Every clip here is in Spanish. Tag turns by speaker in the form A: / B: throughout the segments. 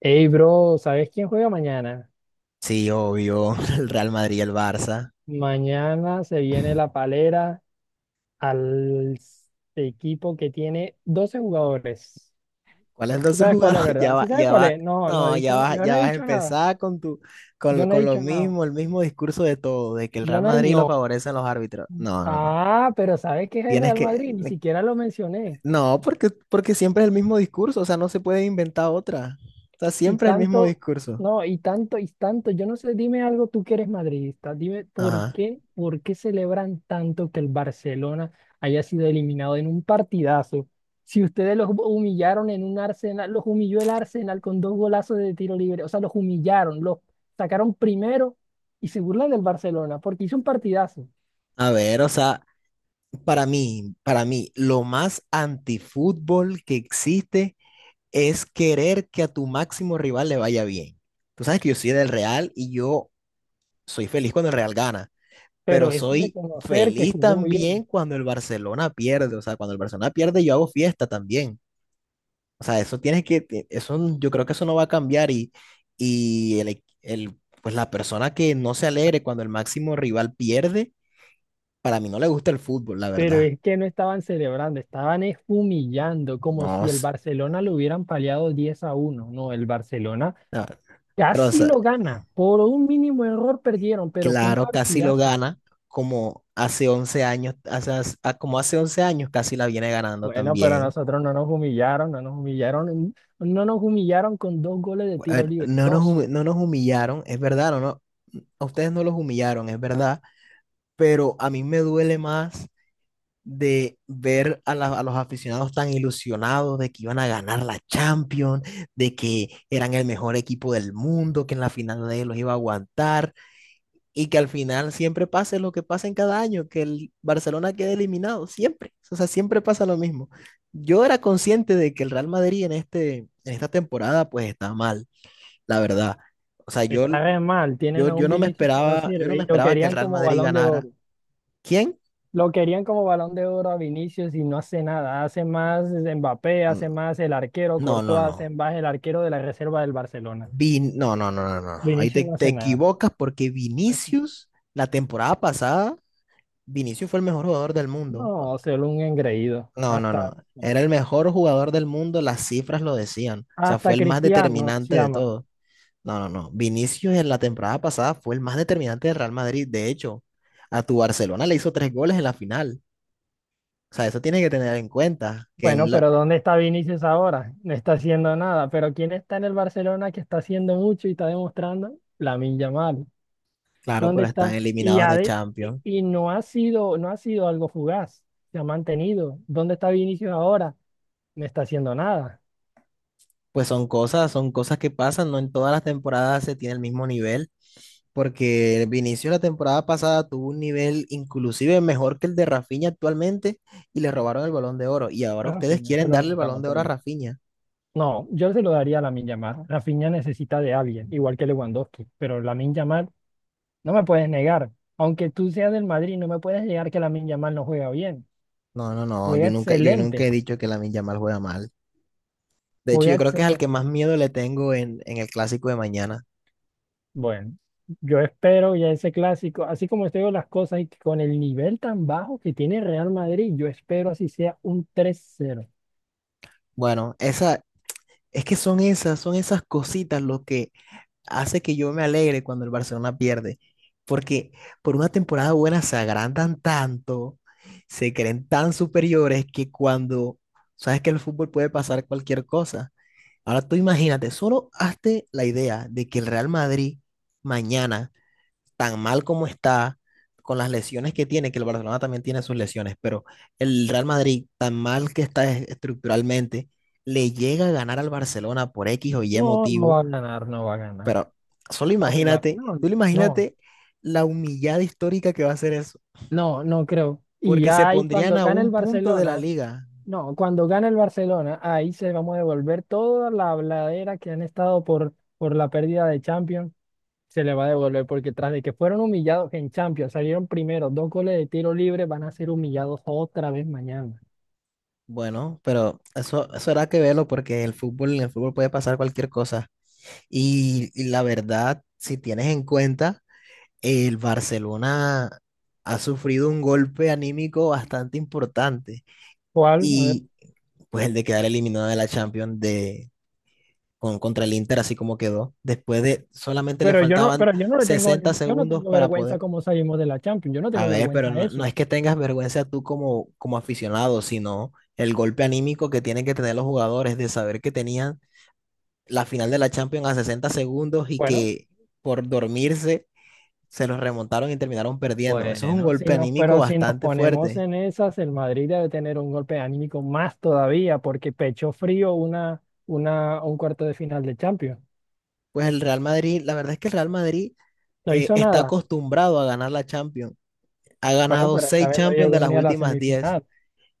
A: Hey, bro, ¿sabes quién juega mañana?
B: Sí, obvio, el Real Madrid y el Barça.
A: Mañana se viene la palera al equipo que tiene 12 jugadores.
B: ¿Cuál es
A: ¿Sí
B: entonces
A: sabes cuál es,
B: jugador?
A: verdad? ¿Sí sabes
B: Ya
A: cuál
B: va,
A: es? No, no he
B: no, ya
A: dicho,
B: vas,
A: yo no
B: ya
A: he
B: vas a
A: dicho nada.
B: empezar con,
A: Yo no he
B: con lo
A: dicho nada.
B: mismo, el mismo discurso de todo, de que el
A: Yo
B: Real
A: no,
B: Madrid lo
A: no.
B: favorecen los árbitros. No, no, no.
A: Ah, pero ¿sabes qué es el
B: Tienes
A: Real
B: que,
A: Madrid? Ni siquiera lo mencioné.
B: no, porque siempre es el mismo discurso, o sea, no se puede inventar otra. O sea,
A: Y
B: siempre es el mismo
A: tanto,
B: discurso.
A: no, y tanto, yo no sé, dime algo tú que eres madridista, dime por
B: Ajá.
A: qué, por qué celebran tanto que el Barcelona haya sido eliminado en un partidazo. Si ustedes los humillaron en un Arsenal, los humilló el Arsenal con dos golazos de tiro libre, o sea, los humillaron, los sacaron primero y se burlan del Barcelona porque hizo un partidazo,
B: A ver, o sea, para mí, lo más antifútbol que existe es querer que a tu máximo rival le vaya bien. Tú sabes que yo soy del Real y yo soy feliz cuando el Real gana,
A: pero
B: pero
A: es
B: soy
A: reconocer que
B: feliz
A: jugó
B: también
A: bien.
B: cuando el Barcelona pierde. O sea, cuando el Barcelona pierde, yo hago fiesta también. O sea, eso tienes que, eso, yo creo que eso no va a cambiar y, y el, pues la persona que no se alegre cuando el máximo rival pierde, para mí no le gusta el fútbol, la
A: Pero
B: verdad.
A: es que no estaban celebrando, estaban es humillando, como
B: No,
A: si el Barcelona lo hubieran paliado 10 a uno. No, el Barcelona
B: no, pero, o
A: casi
B: sea,
A: lo gana. Por un mínimo error perdieron, pero fue un
B: claro, casi lo
A: partidazo.
B: gana, como hace 11 años, como hace 11 años casi la viene ganando
A: Bueno, pero a
B: también.
A: nosotros no nos humillaron con dos goles de
B: A
A: tiro
B: ver,
A: libre. Dos.
B: no nos humillaron, es verdad, no, no, a ustedes no los humillaron, es verdad, pero a mí me duele más de ver a los aficionados tan ilusionados de que iban a ganar la Champions, de que eran el mejor equipo del mundo, que en la final nadie los iba a aguantar, y que al final siempre pase lo que pasa en cada año, que el Barcelona quede eliminado, siempre. O sea, siempre pasa lo mismo. Yo era consciente de que el Real Madrid en esta temporada pues está mal, la verdad. O sea, yo,
A: Está re mal,
B: yo,
A: tienen a un
B: yo no me
A: Vinicius que no
B: esperaba, yo no
A: sirve
B: me
A: y lo
B: esperaba que el
A: querían
B: Real
A: como
B: Madrid
A: balón de
B: ganara.
A: oro.
B: ¿Quién?
A: Lo querían como balón de oro a Vinicius y no hace nada. Hace más Mbappé, hace
B: Mm,
A: más el arquero
B: No, no,
A: Courtois, hace
B: no.
A: más el arquero de la reserva del Barcelona.
B: No, no, no, no, no, no. Ahí
A: Vinicius
B: te,
A: no
B: te
A: hace nada.
B: equivocas porque Vinicius, la temporada pasada, Vinicius fue el mejor jugador del mundo.
A: No, solo un engreído.
B: No, no, no.
A: Hasta,
B: Era el mejor jugador del mundo, las cifras lo decían. O sea, fue
A: hasta
B: el más
A: Cristiano se
B: determinante de
A: llama.
B: todo. No, no, no. Vinicius en la temporada pasada fue el más determinante del Real Madrid. De hecho, a tu Barcelona le hizo 3 goles en la final. O sea, eso tiene que tener en cuenta. Que un
A: Bueno,
B: la-
A: pero ¿dónde está Vinicius ahora? No está haciendo nada. Pero ¿quién está en el Barcelona que está haciendo mucho y está demostrando? Lamine Yamal.
B: Claro,
A: ¿Dónde
B: pero están
A: está? Y,
B: eliminados
A: ha
B: de
A: de- y,
B: Champions.
A: y no ha sido algo fugaz. Se ha mantenido. ¿Dónde está Vinicius ahora? No está haciendo nada.
B: Pues son cosas que pasan. No en todas las temporadas se tiene el mismo nivel. Porque Vinicius la temporada pasada tuvo un nivel inclusive mejor que el de Rafinha actualmente y le robaron el Balón de Oro. Y ahora ustedes
A: Rafinha
B: quieren
A: solo
B: darle el
A: necesitaba
B: Balón de Oro a
A: apoyo.
B: Rafinha.
A: No, yo se lo daría a Lamine Yamal. Rafinha necesita de alguien, igual que Lewandowski, pero Lamine Yamal no me puedes negar. Aunque tú seas del Madrid, no me puedes negar que Lamine Yamal no juega bien.
B: No, no, no,
A: Juega
B: yo nunca he
A: excelente,
B: dicho que Lamine Yamal juega mal. De hecho,
A: juega
B: yo creo que es al
A: excelente.
B: que más miedo le tengo en, el clásico de mañana.
A: Bueno, yo espero ya ese clásico, así como estoy viendo las cosas y que con el nivel tan bajo que tiene Real Madrid, yo espero así sea un tres cero.
B: Bueno, es que son esas cositas lo que hace que yo me alegre cuando el Barcelona pierde, porque por una temporada buena se agrandan tanto, se creen tan superiores que cuando sabes que el fútbol puede pasar cualquier cosa. Ahora tú imagínate, solo hazte la idea de que el Real Madrid mañana, tan mal como está, con las lesiones que tiene, que el Barcelona también tiene sus lesiones, pero el Real Madrid, tan mal que está estructuralmente, le llega a ganar al Barcelona por X o Y
A: No, no va
B: motivo.
A: a ganar, no va a ganar.
B: Pero
A: Está muy mal. No, no,
B: solo
A: no.
B: imagínate la humillada histórica que va a ser eso,
A: No, no creo. Y
B: porque se
A: ya ahí
B: pondrían
A: cuando
B: a
A: gane
B: un
A: el
B: punto de la
A: Barcelona,
B: liga.
A: no, cuando gane el Barcelona, ahí se vamos a devolver toda la habladera que han estado por, la pérdida de Champions, se le va a devolver porque tras de que fueron humillados en Champions, salieron primero dos goles de tiro libre, van a ser humillados otra vez mañana.
B: Bueno, pero eso era que verlo porque el fútbol, en el fútbol puede pasar cualquier cosa. Y la verdad, si tienes en cuenta, el Barcelona ha sufrido un golpe anímico bastante importante.
A: ¿Cuál? A ver.
B: Y pues el de quedar eliminado de la Champions contra el Inter, así como quedó. Después de solamente le faltaban
A: Pero yo no le tengo,
B: 60
A: yo no
B: segundos
A: tengo
B: para
A: vergüenza
B: poder.
A: como salimos de la Champions, yo no
B: A
A: tengo
B: ver, pero
A: vergüenza de
B: no, no
A: eso.
B: es que tengas vergüenza tú como aficionado, sino el golpe anímico que tienen que tener los jugadores de saber que tenían la final de la Champions a 60 segundos y
A: Bueno.
B: que por dormirse se los remontaron y terminaron perdiendo. Eso es un
A: Bueno, si
B: golpe
A: nos,
B: anímico
A: pero si nos
B: bastante
A: ponemos
B: fuerte.
A: en esas, el Madrid debe tener un golpe anímico más todavía, porque pechó frío un cuarto de final de Champions.
B: Pues el Real Madrid, la verdad es que el Real Madrid
A: No hizo
B: está
A: nada.
B: acostumbrado a ganar la Champions. Ha
A: pero
B: ganado
A: pero esta
B: seis
A: vez no
B: Champions
A: llegó
B: de las
A: ni a la
B: últimas 10.
A: semifinal.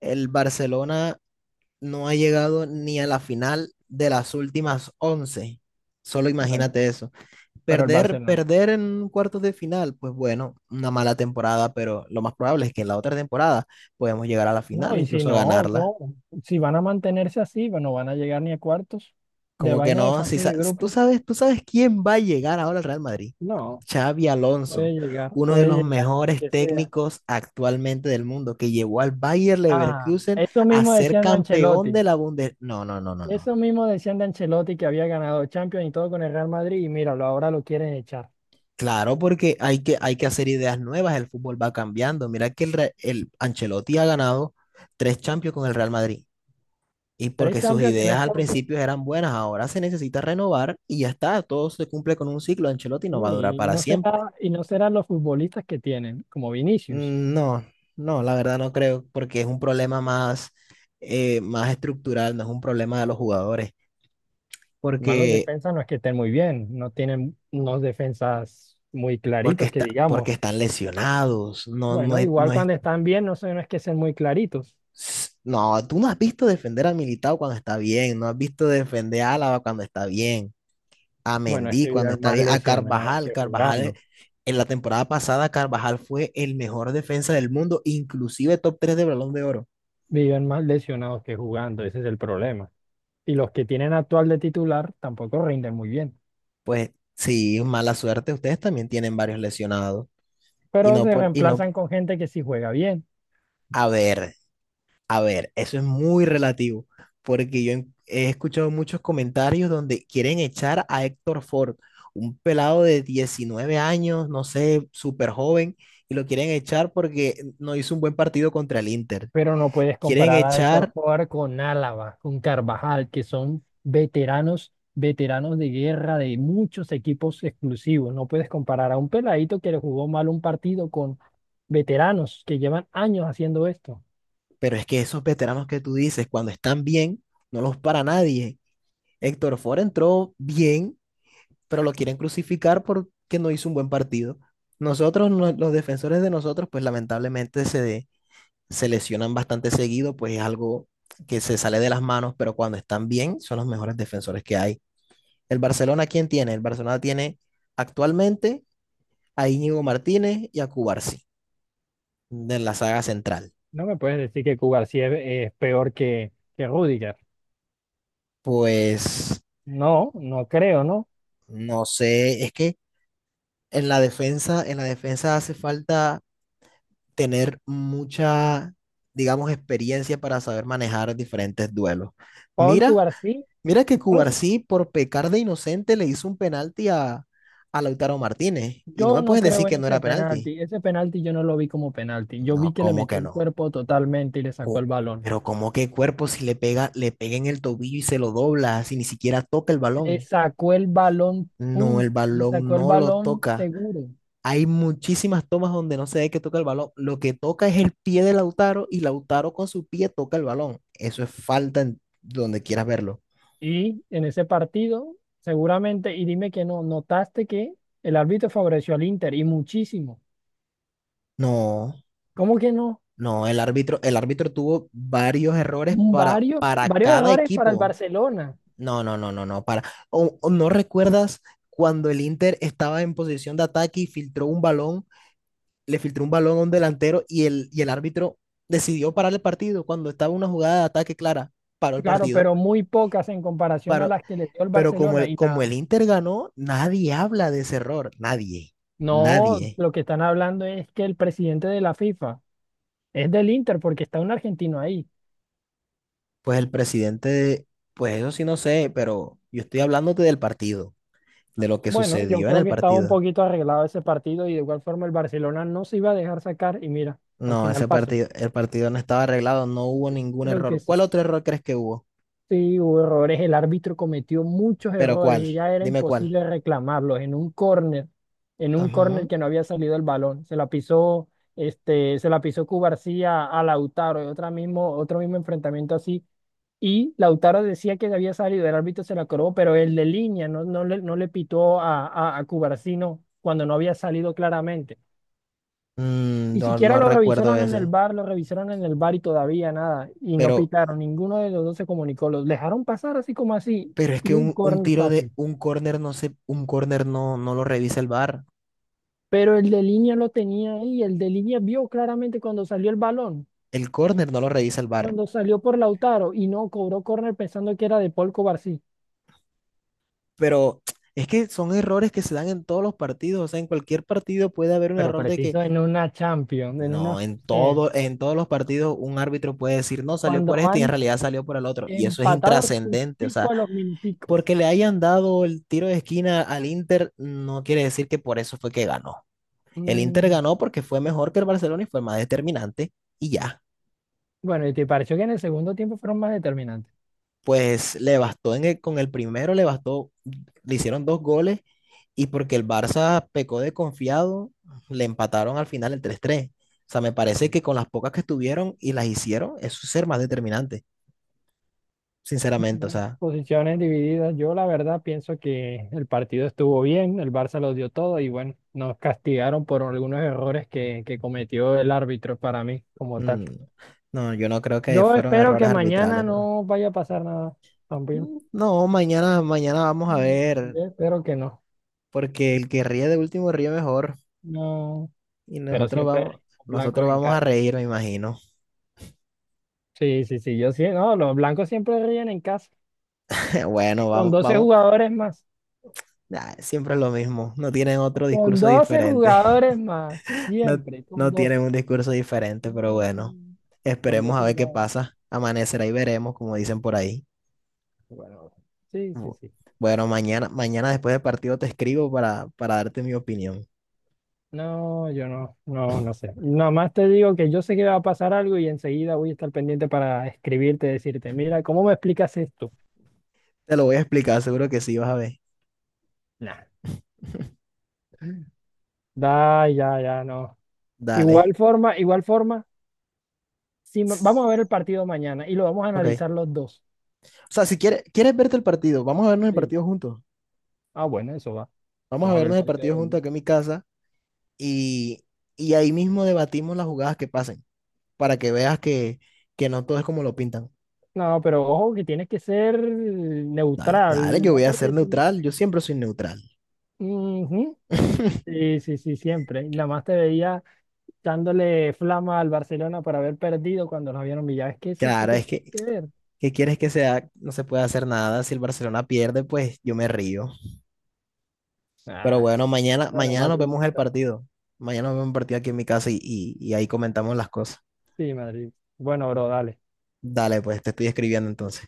B: El Barcelona no ha llegado ni a la final de las últimas 11. Solo
A: Bueno,
B: imagínate eso.
A: pero el
B: Perder,
A: Barcelona.
B: perder en cuartos de final, pues bueno, una mala temporada, pero lo más probable es que en la otra temporada podemos llegar a la
A: No,
B: final,
A: y si
B: incluso
A: no,
B: ganarla.
A: ¿cómo? Si van a mantenerse así, bueno, van a llegar ni a cuartos de
B: Como que
A: vaina de
B: no, si
A: fase de
B: sa- tú
A: grupos.
B: sabes, tú sabes quién va a llegar ahora al Real Madrid.
A: No,
B: Xavi Alonso, uno de los
A: puede llegar,
B: mejores
A: que sea.
B: técnicos actualmente del mundo, que llevó al Bayer
A: Ah,
B: Leverkusen
A: eso
B: a
A: mismo
B: ser
A: decían de
B: campeón de
A: Ancelotti.
B: la bundes. No, no, no, no, no.
A: Eso mismo decían de Ancelotti que había ganado Champions y todo con el Real Madrid y míralo, ahora lo quieren echar.
B: Claro, porque hay que hacer ideas nuevas, el fútbol va cambiando. Mira que el Ancelotti ha ganado 3 Champions con el Real Madrid. Y
A: Tres
B: porque sus
A: Champions que no
B: ideas
A: es
B: al
A: poco.
B: principio eran buenas, ahora se necesita renovar y ya está, todo se cumple con un ciclo. Ancelotti no va a durar
A: Y
B: para
A: no
B: siempre.
A: será, y no serán los futbolistas que tienen, como Vinicius.
B: No, no, la verdad no creo, porque es un problema más, más estructural, no es un problema de los jugadores,
A: Además, los
B: porque,
A: defensas no es que estén muy bien, no tienen unos defensas muy
B: porque,
A: claritos que
B: está, porque
A: digamos.
B: están lesionados, no, no
A: Bueno,
B: es,
A: igual
B: no es
A: cuando están bien, no sé, no es que sean muy claritos.
B: No, tú no has visto defender a Militao cuando está bien, no has visto defender a Álava cuando está bien, a
A: Bueno, es
B: Mendy
A: que
B: cuando
A: viven
B: está
A: más
B: bien, a
A: lesionados
B: Carvajal.
A: que
B: Carvajal,
A: jugando.
B: en la temporada pasada, Carvajal fue el mejor defensa del mundo, inclusive top 3 de Balón de Oro.
A: Viven más lesionados que jugando, ese es el problema. Y los que tienen actual de titular tampoco rinden muy bien.
B: Pues sí, mala suerte, ustedes también tienen varios lesionados. Y
A: Pero
B: no
A: se
B: por, y no,
A: reemplazan con gente que sí juega bien.
B: a ver. A ver, eso es muy relativo, porque yo he escuchado muchos comentarios donde quieren echar a Héctor Ford, un pelado de 19 años, no sé, súper joven, y lo quieren echar porque no hizo un buen partido contra el Inter.
A: Pero no puedes
B: Quieren
A: comparar a Héctor
B: echar,
A: Jugar con Álava, con Carvajal, que son veteranos, veteranos de guerra de muchos equipos exclusivos. No puedes comparar a un peladito que le jugó mal un partido con veteranos que llevan años haciendo esto.
B: pero es que esos veteranos que tú dices, cuando están bien, no los para nadie. Héctor Ford entró bien, pero lo quieren crucificar porque no hizo un buen partido. Nosotros, los defensores de nosotros, pues lamentablemente se lesionan bastante seguido, pues es algo que se sale de las manos, pero cuando están bien son los mejores defensores que hay. ¿El Barcelona quién tiene? El Barcelona tiene actualmente a Íñigo Martínez y a Cubarsi de la saga central.
A: No me puedes decir que Cubarsí es peor que Rüdiger.
B: Pues
A: No, no creo, ¿no?
B: no sé, es que en la defensa, hace falta tener mucha, digamos, experiencia para saber manejar diferentes duelos.
A: Paul
B: Mira
A: Cubarsí,
B: Mira que
A: no.
B: Cubarsí, por pecar de inocente, le hizo un penalti a Lautaro Martínez. Y no me
A: Yo no
B: puedes decir
A: creo
B: que
A: en
B: no
A: ese
B: era penalti.
A: penalti. Ese penalti yo no lo vi como penalti. Yo
B: No,
A: vi que le
B: ¿cómo
A: metió
B: que
A: el
B: no?
A: cuerpo totalmente y le sacó
B: Cu-
A: el balón.
B: Pero ¿cómo que cuerpo si le pega en el tobillo y se lo dobla, si ni siquiera toca el
A: Le
B: balón?
A: sacó el balón,
B: No, el
A: y
B: balón
A: sacó el
B: no lo
A: balón
B: toca.
A: seguro.
B: Hay muchísimas tomas donde no se ve que toca el balón. Lo que toca es el pie de Lautaro y Lautaro con su pie toca el balón. Eso es falta en donde quieras verlo.
A: Y en ese partido, seguramente, y dime que no, notaste que el árbitro favoreció al Inter y muchísimo.
B: No.
A: ¿Cómo que no?
B: No, el árbitro tuvo varios errores para,
A: Varios,
B: para
A: varios
B: cada
A: errores para el
B: equipo.
A: Barcelona.
B: No, no, no, no, no. O ¿no recuerdas cuando el Inter estaba en posición de ataque y le filtró un balón a un delantero y y el árbitro decidió parar el partido cuando estaba una jugada de ataque clara? Paró el
A: Claro,
B: partido.
A: pero muy pocas en comparación a
B: Paró,
A: las que le dio el
B: pero como
A: Barcelona
B: el,
A: y
B: como el
A: nada.
B: Inter ganó, nadie habla de ese error. Nadie.
A: No,
B: Nadie.
A: lo que están hablando es que el presidente de la FIFA es del Inter porque está un argentino ahí.
B: Pues el presidente, pues eso sí no sé, pero yo estoy hablándote del partido, de lo que
A: Bueno, yo
B: sucedió en
A: creo
B: el
A: que estaba un
B: partido.
A: poquito arreglado ese partido y de igual forma el Barcelona no se iba a dejar sacar y mira, al
B: No,
A: final
B: ese
A: pasó.
B: partido, el partido no estaba arreglado, no hubo ningún
A: Creo que
B: error.
A: sí.
B: ¿Cuál otro error crees que hubo?
A: Sí, hubo errores, el árbitro cometió muchos
B: ¿Pero
A: errores
B: cuál?
A: y ya era
B: Dime cuál.
A: imposible reclamarlos en un córner
B: Ujú.
A: que no había salido el balón. Se la pisó Cubarsía a Lautaro y otra mismo, otro mismo enfrentamiento así. Y Lautaro decía que había salido, el árbitro se la cobró, pero el de línea no, no le pitó a, Cubarsino cuando no había salido claramente. Y
B: No,
A: siquiera
B: no
A: lo
B: recuerdo
A: revisaron en el
B: ese.
A: bar, lo revisaron en el bar y todavía nada. Y no
B: Pero,
A: pitaron, ninguno de los dos se comunicó. Los dejaron pasar así como así.
B: pero es
A: Y
B: que
A: un
B: un
A: córner
B: tiro de
A: fácil.
B: un córner no se, un córner no lo revisa el VAR.
A: Pero el de línea lo tenía ahí. El de línea vio claramente cuando salió el balón,
B: El córner no lo revisa el VAR.
A: cuando salió por Lautaro y no cobró córner pensando que era de Paul Cubarsí.
B: Pero es que son errores que se dan en todos los partidos. O sea, en cualquier partido puede haber un
A: Pero
B: error de que.
A: preciso en una Champions,
B: No, en
A: eh,
B: todo, en todos los partidos un árbitro puede decir, no, salió
A: cuando
B: por este y en
A: van
B: realidad salió por el otro. Y eso es
A: empatados
B: intrascendente. O sea,
A: justico a los minuticos.
B: porque le hayan dado el tiro de esquina al Inter no quiere decir que por eso fue que ganó. El Inter
A: Mm,
B: ganó porque fue mejor que el Barcelona y fue más determinante y ya.
A: Bueno, ¿y te pareció que en el segundo tiempo fueron más determinantes?
B: Pues le bastó con el primero, le bastó, le hicieron 2 goles y porque el Barça pecó de confiado, le empataron al final el 3-3. O sea, me parece que con las pocas que tuvieron y las hicieron, eso es ser más determinante. Sinceramente, o
A: No,
B: sea,
A: posiciones divididas. Yo la verdad pienso que el partido estuvo bien, el Barça lo dio todo y bueno, nos castigaron por algunos errores que cometió el árbitro para mí como tal.
B: mm, no, yo no creo que
A: Yo
B: fueron
A: espero que
B: errores
A: mañana
B: arbitrales, pero
A: no vaya a pasar nada también.
B: no, mañana vamos a ver,
A: Yo espero que no.
B: porque el que ríe de último ríe mejor
A: No,
B: y
A: pero
B: nosotros vamos,
A: siempre blancos
B: nosotros
A: en
B: vamos a
A: casa.
B: reír, me imagino.
A: Sí, sí, sí, yo sí, no, los blancos siempre ríen en casa. Y
B: Bueno,
A: con
B: vamos,
A: 12
B: vamos,
A: jugadores más.
B: ah, siempre es lo mismo, no tienen otro
A: Con
B: discurso
A: 12
B: diferente,
A: jugadores más.
B: no,
A: Siempre,
B: no tienen un discurso diferente, pero bueno,
A: Mm, Con
B: esperemos a
A: 12
B: ver qué
A: jugadores.
B: pasa, amanecerá y veremos, como dicen por ahí.
A: Bueno, sí, sí,
B: Bu-
A: sí.
B: Bueno, mañana después del partido te escribo para darte mi opinión.
A: No, yo no, no, no sé. Nada más te digo que yo sé que va a pasar algo y enseguida voy a estar pendiente para escribirte, decirte, mira, ¿cómo me explicas esto?
B: Te lo voy a explicar, seguro que sí, vas a ver.
A: Nah. Da, ya, ya, no.
B: Dale.
A: Igual forma, si ma- vamos a ver el partido mañana y lo vamos a
B: Ok. O
A: analizar los dos.
B: sea, si quieres verte el partido, vamos a vernos el
A: Sí.
B: partido juntos.
A: Ah, bueno, eso va.
B: Vamos a
A: Vamos a ver el
B: vernos el
A: partido.
B: partido juntos aquí en mi casa y, y ahí mismo debatimos las jugadas que pasen para que veas que, no todo es como lo pintan.
A: No, pero ojo que tienes que ser
B: Dale, dale,
A: neutral,
B: yo
A: ¿no?
B: voy a ser
A: Porque
B: neutral, yo siempre soy neutral.
A: ujú. Sí, sí, sí, siempre. Nada más te veía dándole flama al Barcelona por haber perdido cuando nos vieron Villar. Es que eso sí
B: Claro,
A: que
B: es
A: tiene
B: que,
A: que ver.
B: ¿qué quieres que sea? No se puede hacer nada. Si el Barcelona pierde, pues yo me río. Pero
A: Ah,
B: bueno, mañana,
A: bueno,
B: mañana nos vemos el
A: madridista.
B: partido. Mañana, nos vemos el partido aquí en mi casa y, y ahí comentamos las cosas.
A: Sí, Madrid. Bueno, bro, dale.
B: Dale, pues te estoy escribiendo entonces.